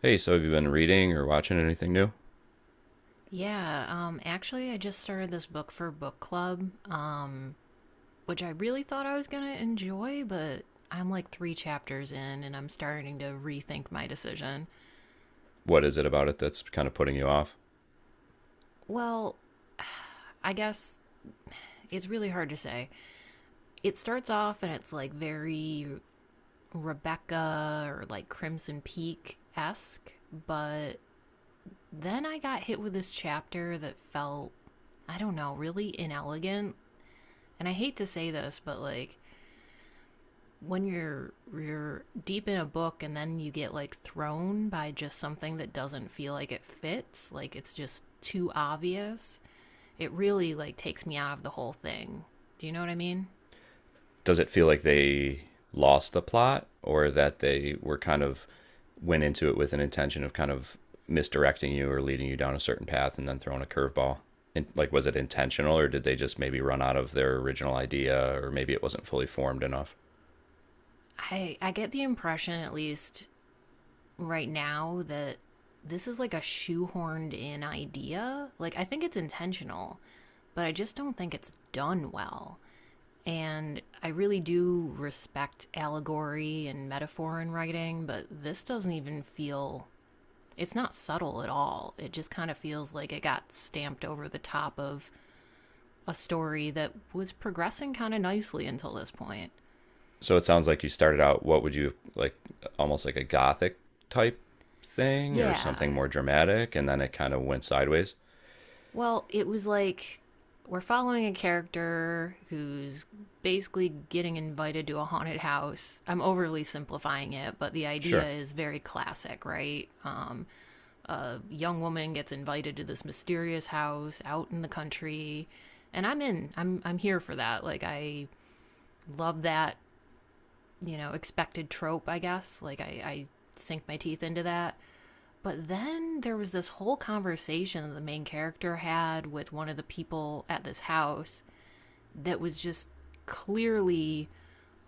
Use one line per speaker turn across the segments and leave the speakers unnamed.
Hey, so have you been reading or watching anything new?
Yeah, actually, I just started this book for book club, which I really thought I was going to enjoy, but I'm like three chapters in and I'm starting to rethink my decision.
What is it about it that's kind of putting you off?
Well, I guess it's really hard to say. It starts off and it's like very Rebecca or like Crimson Peak esque, but then I got hit with this chapter that felt, I don't know, really inelegant. And I hate to say this, but like, when you're deep in a book and then you get like thrown by just something that doesn't feel like it fits, like it's just too obvious, it really like takes me out of the whole thing. Do you know what I mean?
Does it feel like they lost the plot or that they were kind of went into it with an intention of kind of misdirecting you or leading you down a certain path and then throwing a curveball? And like, was it intentional or did they just maybe run out of their original idea or maybe it wasn't fully formed enough?
I get the impression at least right now that this is like a shoehorned in idea. Like I think it's intentional, but I just don't think it's done well. And I really do respect allegory and metaphor in writing, but this doesn't even feel it's not subtle at all. It just kind of feels like it got stamped over the top of a story that was progressing kind of nicely until this point.
So it sounds like you started out, what would you like, almost like a gothic type thing or
Yeah.
something more dramatic and then it kind of went sideways?
Well, it was like we're following a character who's basically getting invited to a haunted house. I'm overly simplifying it, but the
Sure.
idea is very classic, right? A young woman gets invited to this mysterious house out in the country and I'm in I'm I'm here for that. Like, I love that, you know, expected trope, I guess. Like, I sink my teeth into that, but then there was this whole conversation that the main character had with one of the people at this house that was just clearly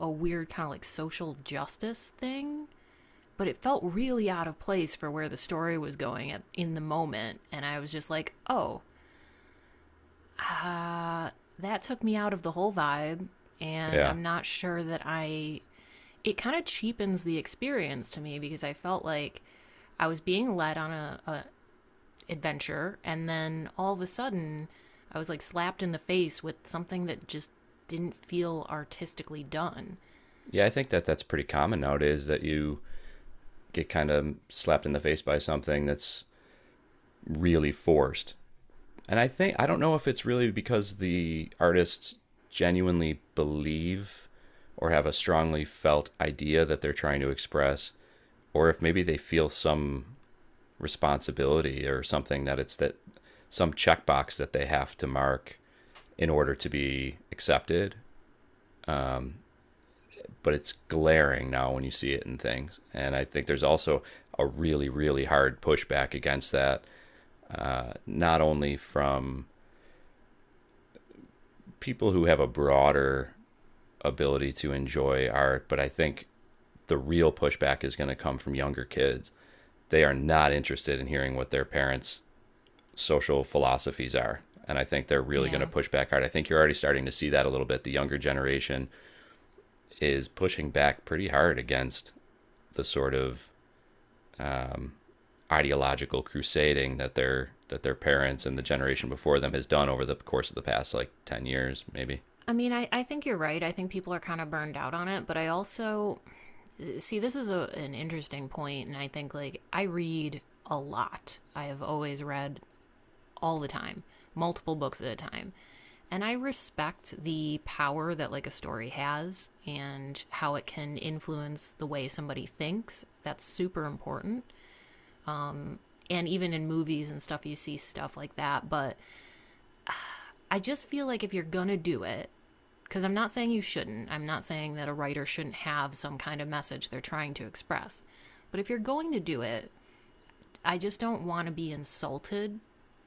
a weird kind of like social justice thing, but it felt really out of place for where the story was going at, in the moment, and I was just like, Uh, that took me out of the whole vibe. And
Yeah.
I'm not sure that I, it kind of cheapens the experience to me, because I felt like I was being led on a adventure, and then all of a sudden I was like slapped in the face with something that just didn't feel artistically done.
Yeah, I think that that's pretty common nowadays that you get kind of slapped in the face by something that's really forced. And I think I don't know if it's really because the artists genuinely believe or have a strongly felt idea that they're trying to express or if maybe they feel some responsibility or something that it's that some checkbox that they have to mark in order to be accepted, but it's glaring now when you see it in things. And I think there's also a really, really hard pushback against that, not only from people who have a broader ability to enjoy art, but I think the real pushback is going to come from younger kids. They are not interested in hearing what their parents' social philosophies are. And I think they're really going to
Yeah.
push back hard. I think you're already starting to see that a little bit. The younger generation is pushing back pretty hard against the sort of um, ideological crusading that their parents and the generation before them has done over the course of the past like 10 years maybe.
I think you're right. I think people are kind of burned out on it, but I also see this is an interesting point. And I think like I read a lot. I have always read all the time, multiple books at a time. And I respect the power that like a story has and how it can influence the way somebody thinks. That's super important. And even in movies and stuff, you see stuff like that. But I just feel like if you're going to do it, because I'm not saying you shouldn't, I'm not saying that a writer shouldn't have some kind of message they're trying to express. But if you're going to do it, I just don't want to be insulted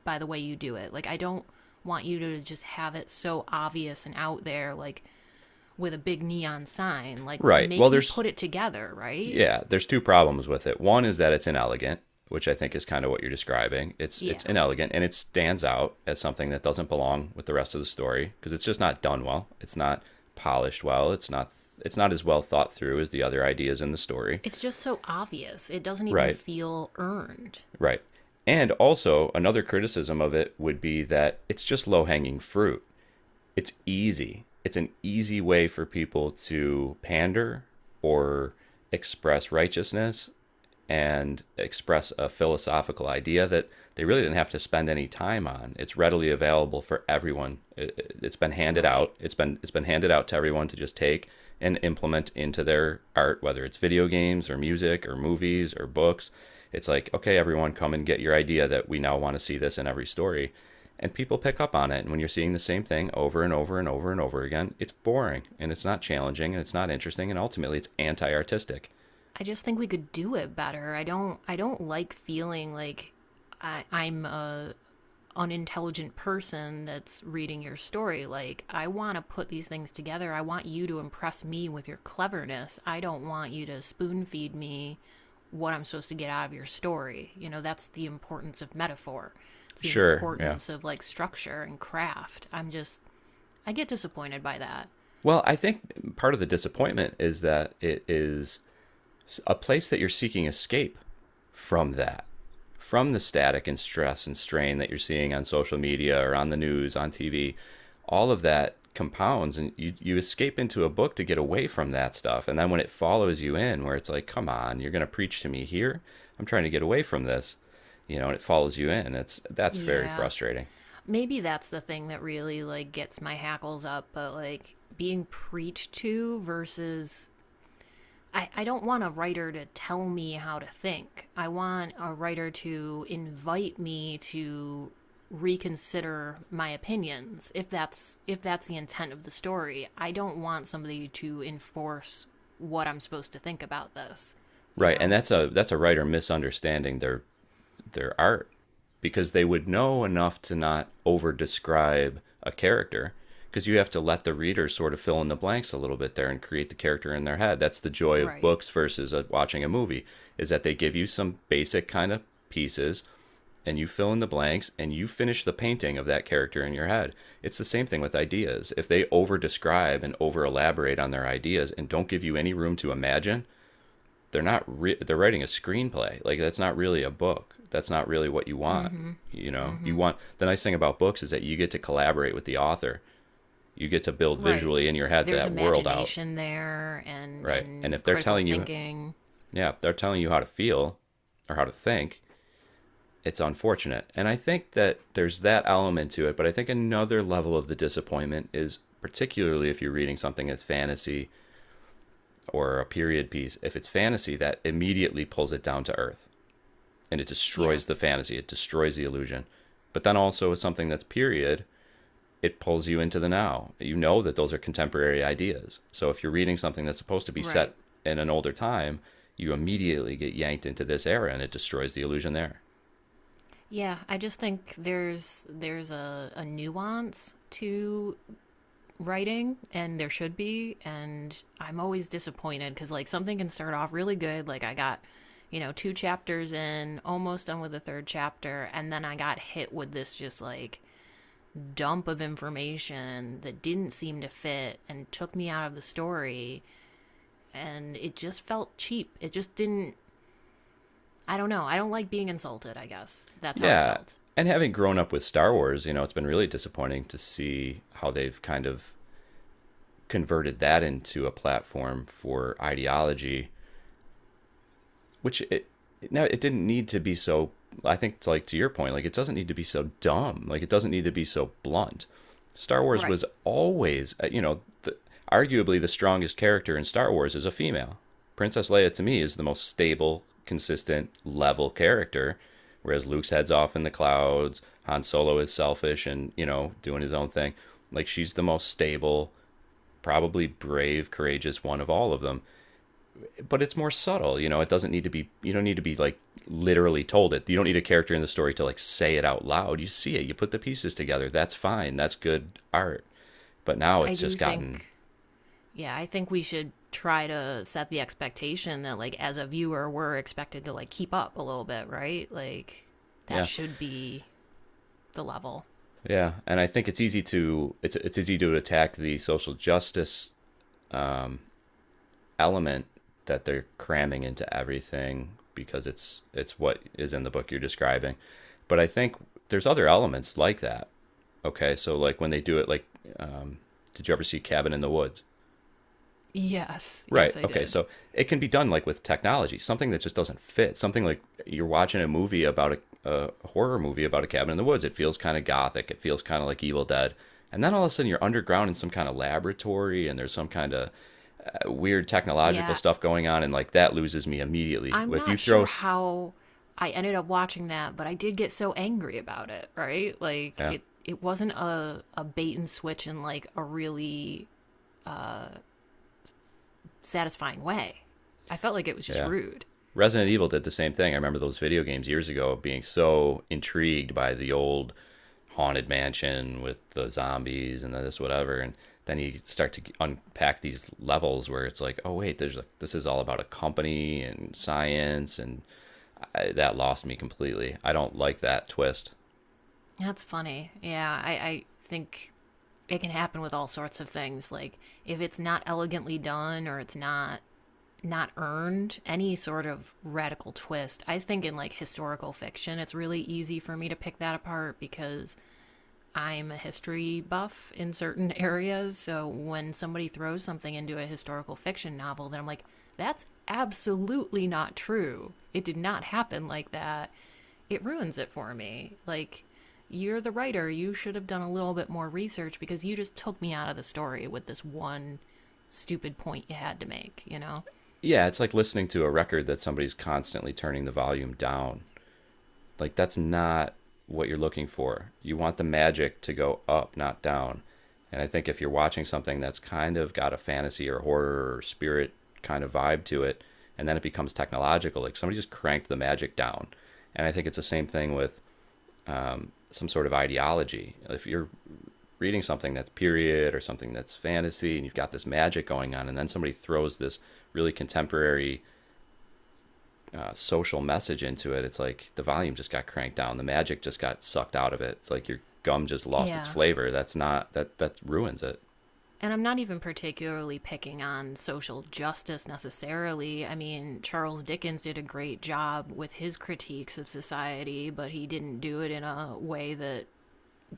by the way you do it. Like, I don't want you to just have it so obvious and out there, like with a big neon sign. Like,
Right. Well,
make me
there's
put it together, right?
yeah, there's two problems with it. One is that it's inelegant, which I think is kind of what you're describing. It's
Yeah.
it's inelegant and it stands out as something that doesn't belong with the rest of the story because it's just not done well. It's not polished well. It's not as well thought through as the other ideas in the story.
It's just so obvious. It doesn't even
Right.
feel earned,
Right. And also another criticism of it would be that it's just low-hanging fruit. It's easy. It's an easy way for people to pander or express righteousness and express a philosophical idea that they really didn't have to spend any time on. It's readily available for everyone. It has been handed
right?
out. It's been handed out to everyone to just take and implement into their art, whether it's video games or music or movies or books. It's like, okay, everyone, come and get your idea that we now want to see this in every story, and people pick up on it. And when you're seeing the same thing over and over and over and over again, it's boring and it's not challenging and it's not interesting and ultimately it's anti-artistic.
I just think we could do it better. I don't like feeling like I'm a unintelligent person that's reading your story. Like, I want to put these things together. I want you to impress me with your cleverness. I don't want you to spoon feed me what I'm supposed to get out of your story. You know, that's the importance of metaphor. It's the
Sure, yeah.
importance of like structure and craft. I get disappointed by that.
Well, I think part of the disappointment is that it is a place that you're seeking escape from, that, from the static and stress and strain that you're seeing on social media or on the news, on TV. All of that compounds, and you escape into a book to get away from that stuff. And then when it follows you in, where it's like, come on, you're going to preach to me here. I'm trying to get away from this, and it follows you in. It's That's very
Yeah.
frustrating.
Maybe that's the thing that really like gets my hackles up, but like being preached to versus I don't want a writer to tell me how to think. I want a writer to invite me to reconsider my opinions if that's the intent of the story. I don't want somebody to enforce what I'm supposed to think about this, you
Right, and
know?
that's a writer misunderstanding their art, because they would know enough to not over describe a character, because you have to let the reader sort of fill in the blanks a little bit there and create the character in their head. That's the joy of
Right.
books versus watching a movie, is that they give you some basic kind of pieces and you fill in the blanks and you finish the painting of that character in your head. It's the same thing with ideas. If they over describe and over elaborate on their ideas and don't give you any room to imagine, they're not they're writing a screenplay. Like that's not really a book. That's not really what you
mm
want.
Mhm.
You
mm
know, you
Mhm.
want, the nice thing about books is that you get to collaborate with the author. You get to build
Right.
visually in your head
There's
that world out,
imagination there and
right? And if
and
they're
critical
telling you,
thinking.
yeah, they're telling you how to feel or how to think, it's unfortunate. And I think that there's that element to it, but I think another level of the disappointment is particularly if you're reading something that's fantasy or a period piece. If it's fantasy, that immediately pulls it down to earth and it
Yeah.
destroys the fantasy, it destroys the illusion. But then also as something that's period, it pulls you into the now. You know that those are contemporary ideas. So if you're reading something that's supposed to be
Right.
set in an older time, you immediately get yanked into this era and it destroys the illusion there.
Yeah, I just think there's a nuance to writing, and there should be. And I'm always disappointed because like something can start off really good, like I got, you know, two chapters in, almost done with the third chapter, and then I got hit with this just like dump of information that didn't seem to fit and took me out of the story, and it just felt cheap. It just didn't. I don't know. I don't like being insulted. I guess that's how I
Yeah.
felt.
And having grown up with Star Wars, you know, it's been really disappointing to see how they've kind of converted that into a platform for ideology, which it didn't need to be so. I think, like to your point, like, it doesn't need to be so dumb. Like it doesn't need to be so blunt. Star Wars
Right.
was always, arguably the strongest character in Star Wars is a female. Princess Leia to me is the most stable, consistent, level character. Whereas Luke's heads off in the clouds, Han Solo is selfish and doing his own thing. Like she's the most stable, probably brave, courageous one of all of them, but it's more subtle. You know, it doesn't need to be. You don't need to be like literally told it. You don't need a character in the story to like say it out loud. You see it. You put the pieces together. That's fine. That's good art. But now
I
it's
do
just gotten—
think, yeah, I think we should try to set the expectation that like as a viewer we're expected to like keep up a little bit, right? Like that
yeah,
should be the level.
yeah, and I think it's easy to attack the social justice um, element that they're cramming into everything, because it's what is in the book you're describing. But I think there's other elements like that. Okay, so like when they do it, like, um, did you ever see Cabin in the Woods?
Yes,
Right.
yes, I
Okay.
did.
So it can be done like with technology, something that just doesn't fit. Something like you're watching a movie about a horror movie about a cabin in the woods. It feels kind of gothic. It feels kind of like Evil Dead. And then all of a sudden you're underground in some kind of laboratory and there's some kind of weird technological
Yeah.
stuff going on. And like that loses me immediately.
I'm
If you
not
throw—
sure how I ended up watching that, but I did get so angry about it, right? Like
yeah,
it wasn't a bait and switch in like a really satisfying way. I felt like it was just
yeah,
rude.
Resident Evil did the same thing. I remember those video games years ago being so intrigued by the old haunted mansion with the zombies and this whatever, and then you start to unpack these levels where it's like, oh wait, there's like, this is all about a company and science, and that lost me completely. I don't like that twist.
That's funny. Yeah, I think it can happen with all sorts of things. Like if it's not elegantly done or it's not earned, any sort of radical twist. I think in like historical fiction, it's really easy for me to pick that apart because I'm a history buff in certain areas, so when somebody throws something into a historical fiction novel, then I'm like, that's absolutely not true. It did not happen like that. It ruins it for me. Like, you're the writer. You should have done a little bit more research because you just took me out of the story with this one stupid point you had to make, you know?
Yeah, it's like listening to a record that somebody's constantly turning the volume down. Like that's not what you're looking for. You want the magic to go up, not down. And I think if you're watching something that's kind of got a fantasy or horror or spirit kind of vibe to it, and then it becomes technological, like somebody just cranked the magic down. And I think it's the same thing with some sort of ideology. If you're reading something that's period or something that's fantasy and you've got this magic going on, and then somebody throws this really contemporary social message into it, it's like the volume just got cranked down. The magic just got sucked out of it. It's like your gum just lost its
Yeah.
flavor. That's not— that that ruins it.
And I'm not even particularly picking on social justice necessarily. I mean, Charles Dickens did a great job with his critiques of society, but he didn't do it in a way that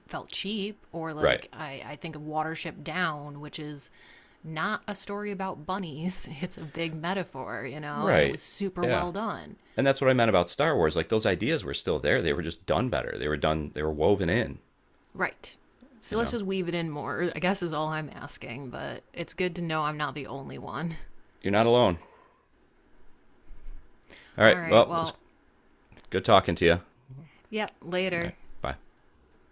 felt cheap. Or,
Right.
like, I think of Watership Down, which is not a story about bunnies, it's a big metaphor, you know, and it was
Right.
super
Yeah.
well done.
And that's what I meant about Star Wars. Like those ideas were still there. They were just done better. They were done. They were woven in.
Right.
You
So let's
know.
just weave it in more, I guess is all I'm asking, but it's good to know I'm not the only one.
You're not alone. All
All
right.
right,
Well, it was
well,
good talking to you. All
yep,
right.
later.
Bye.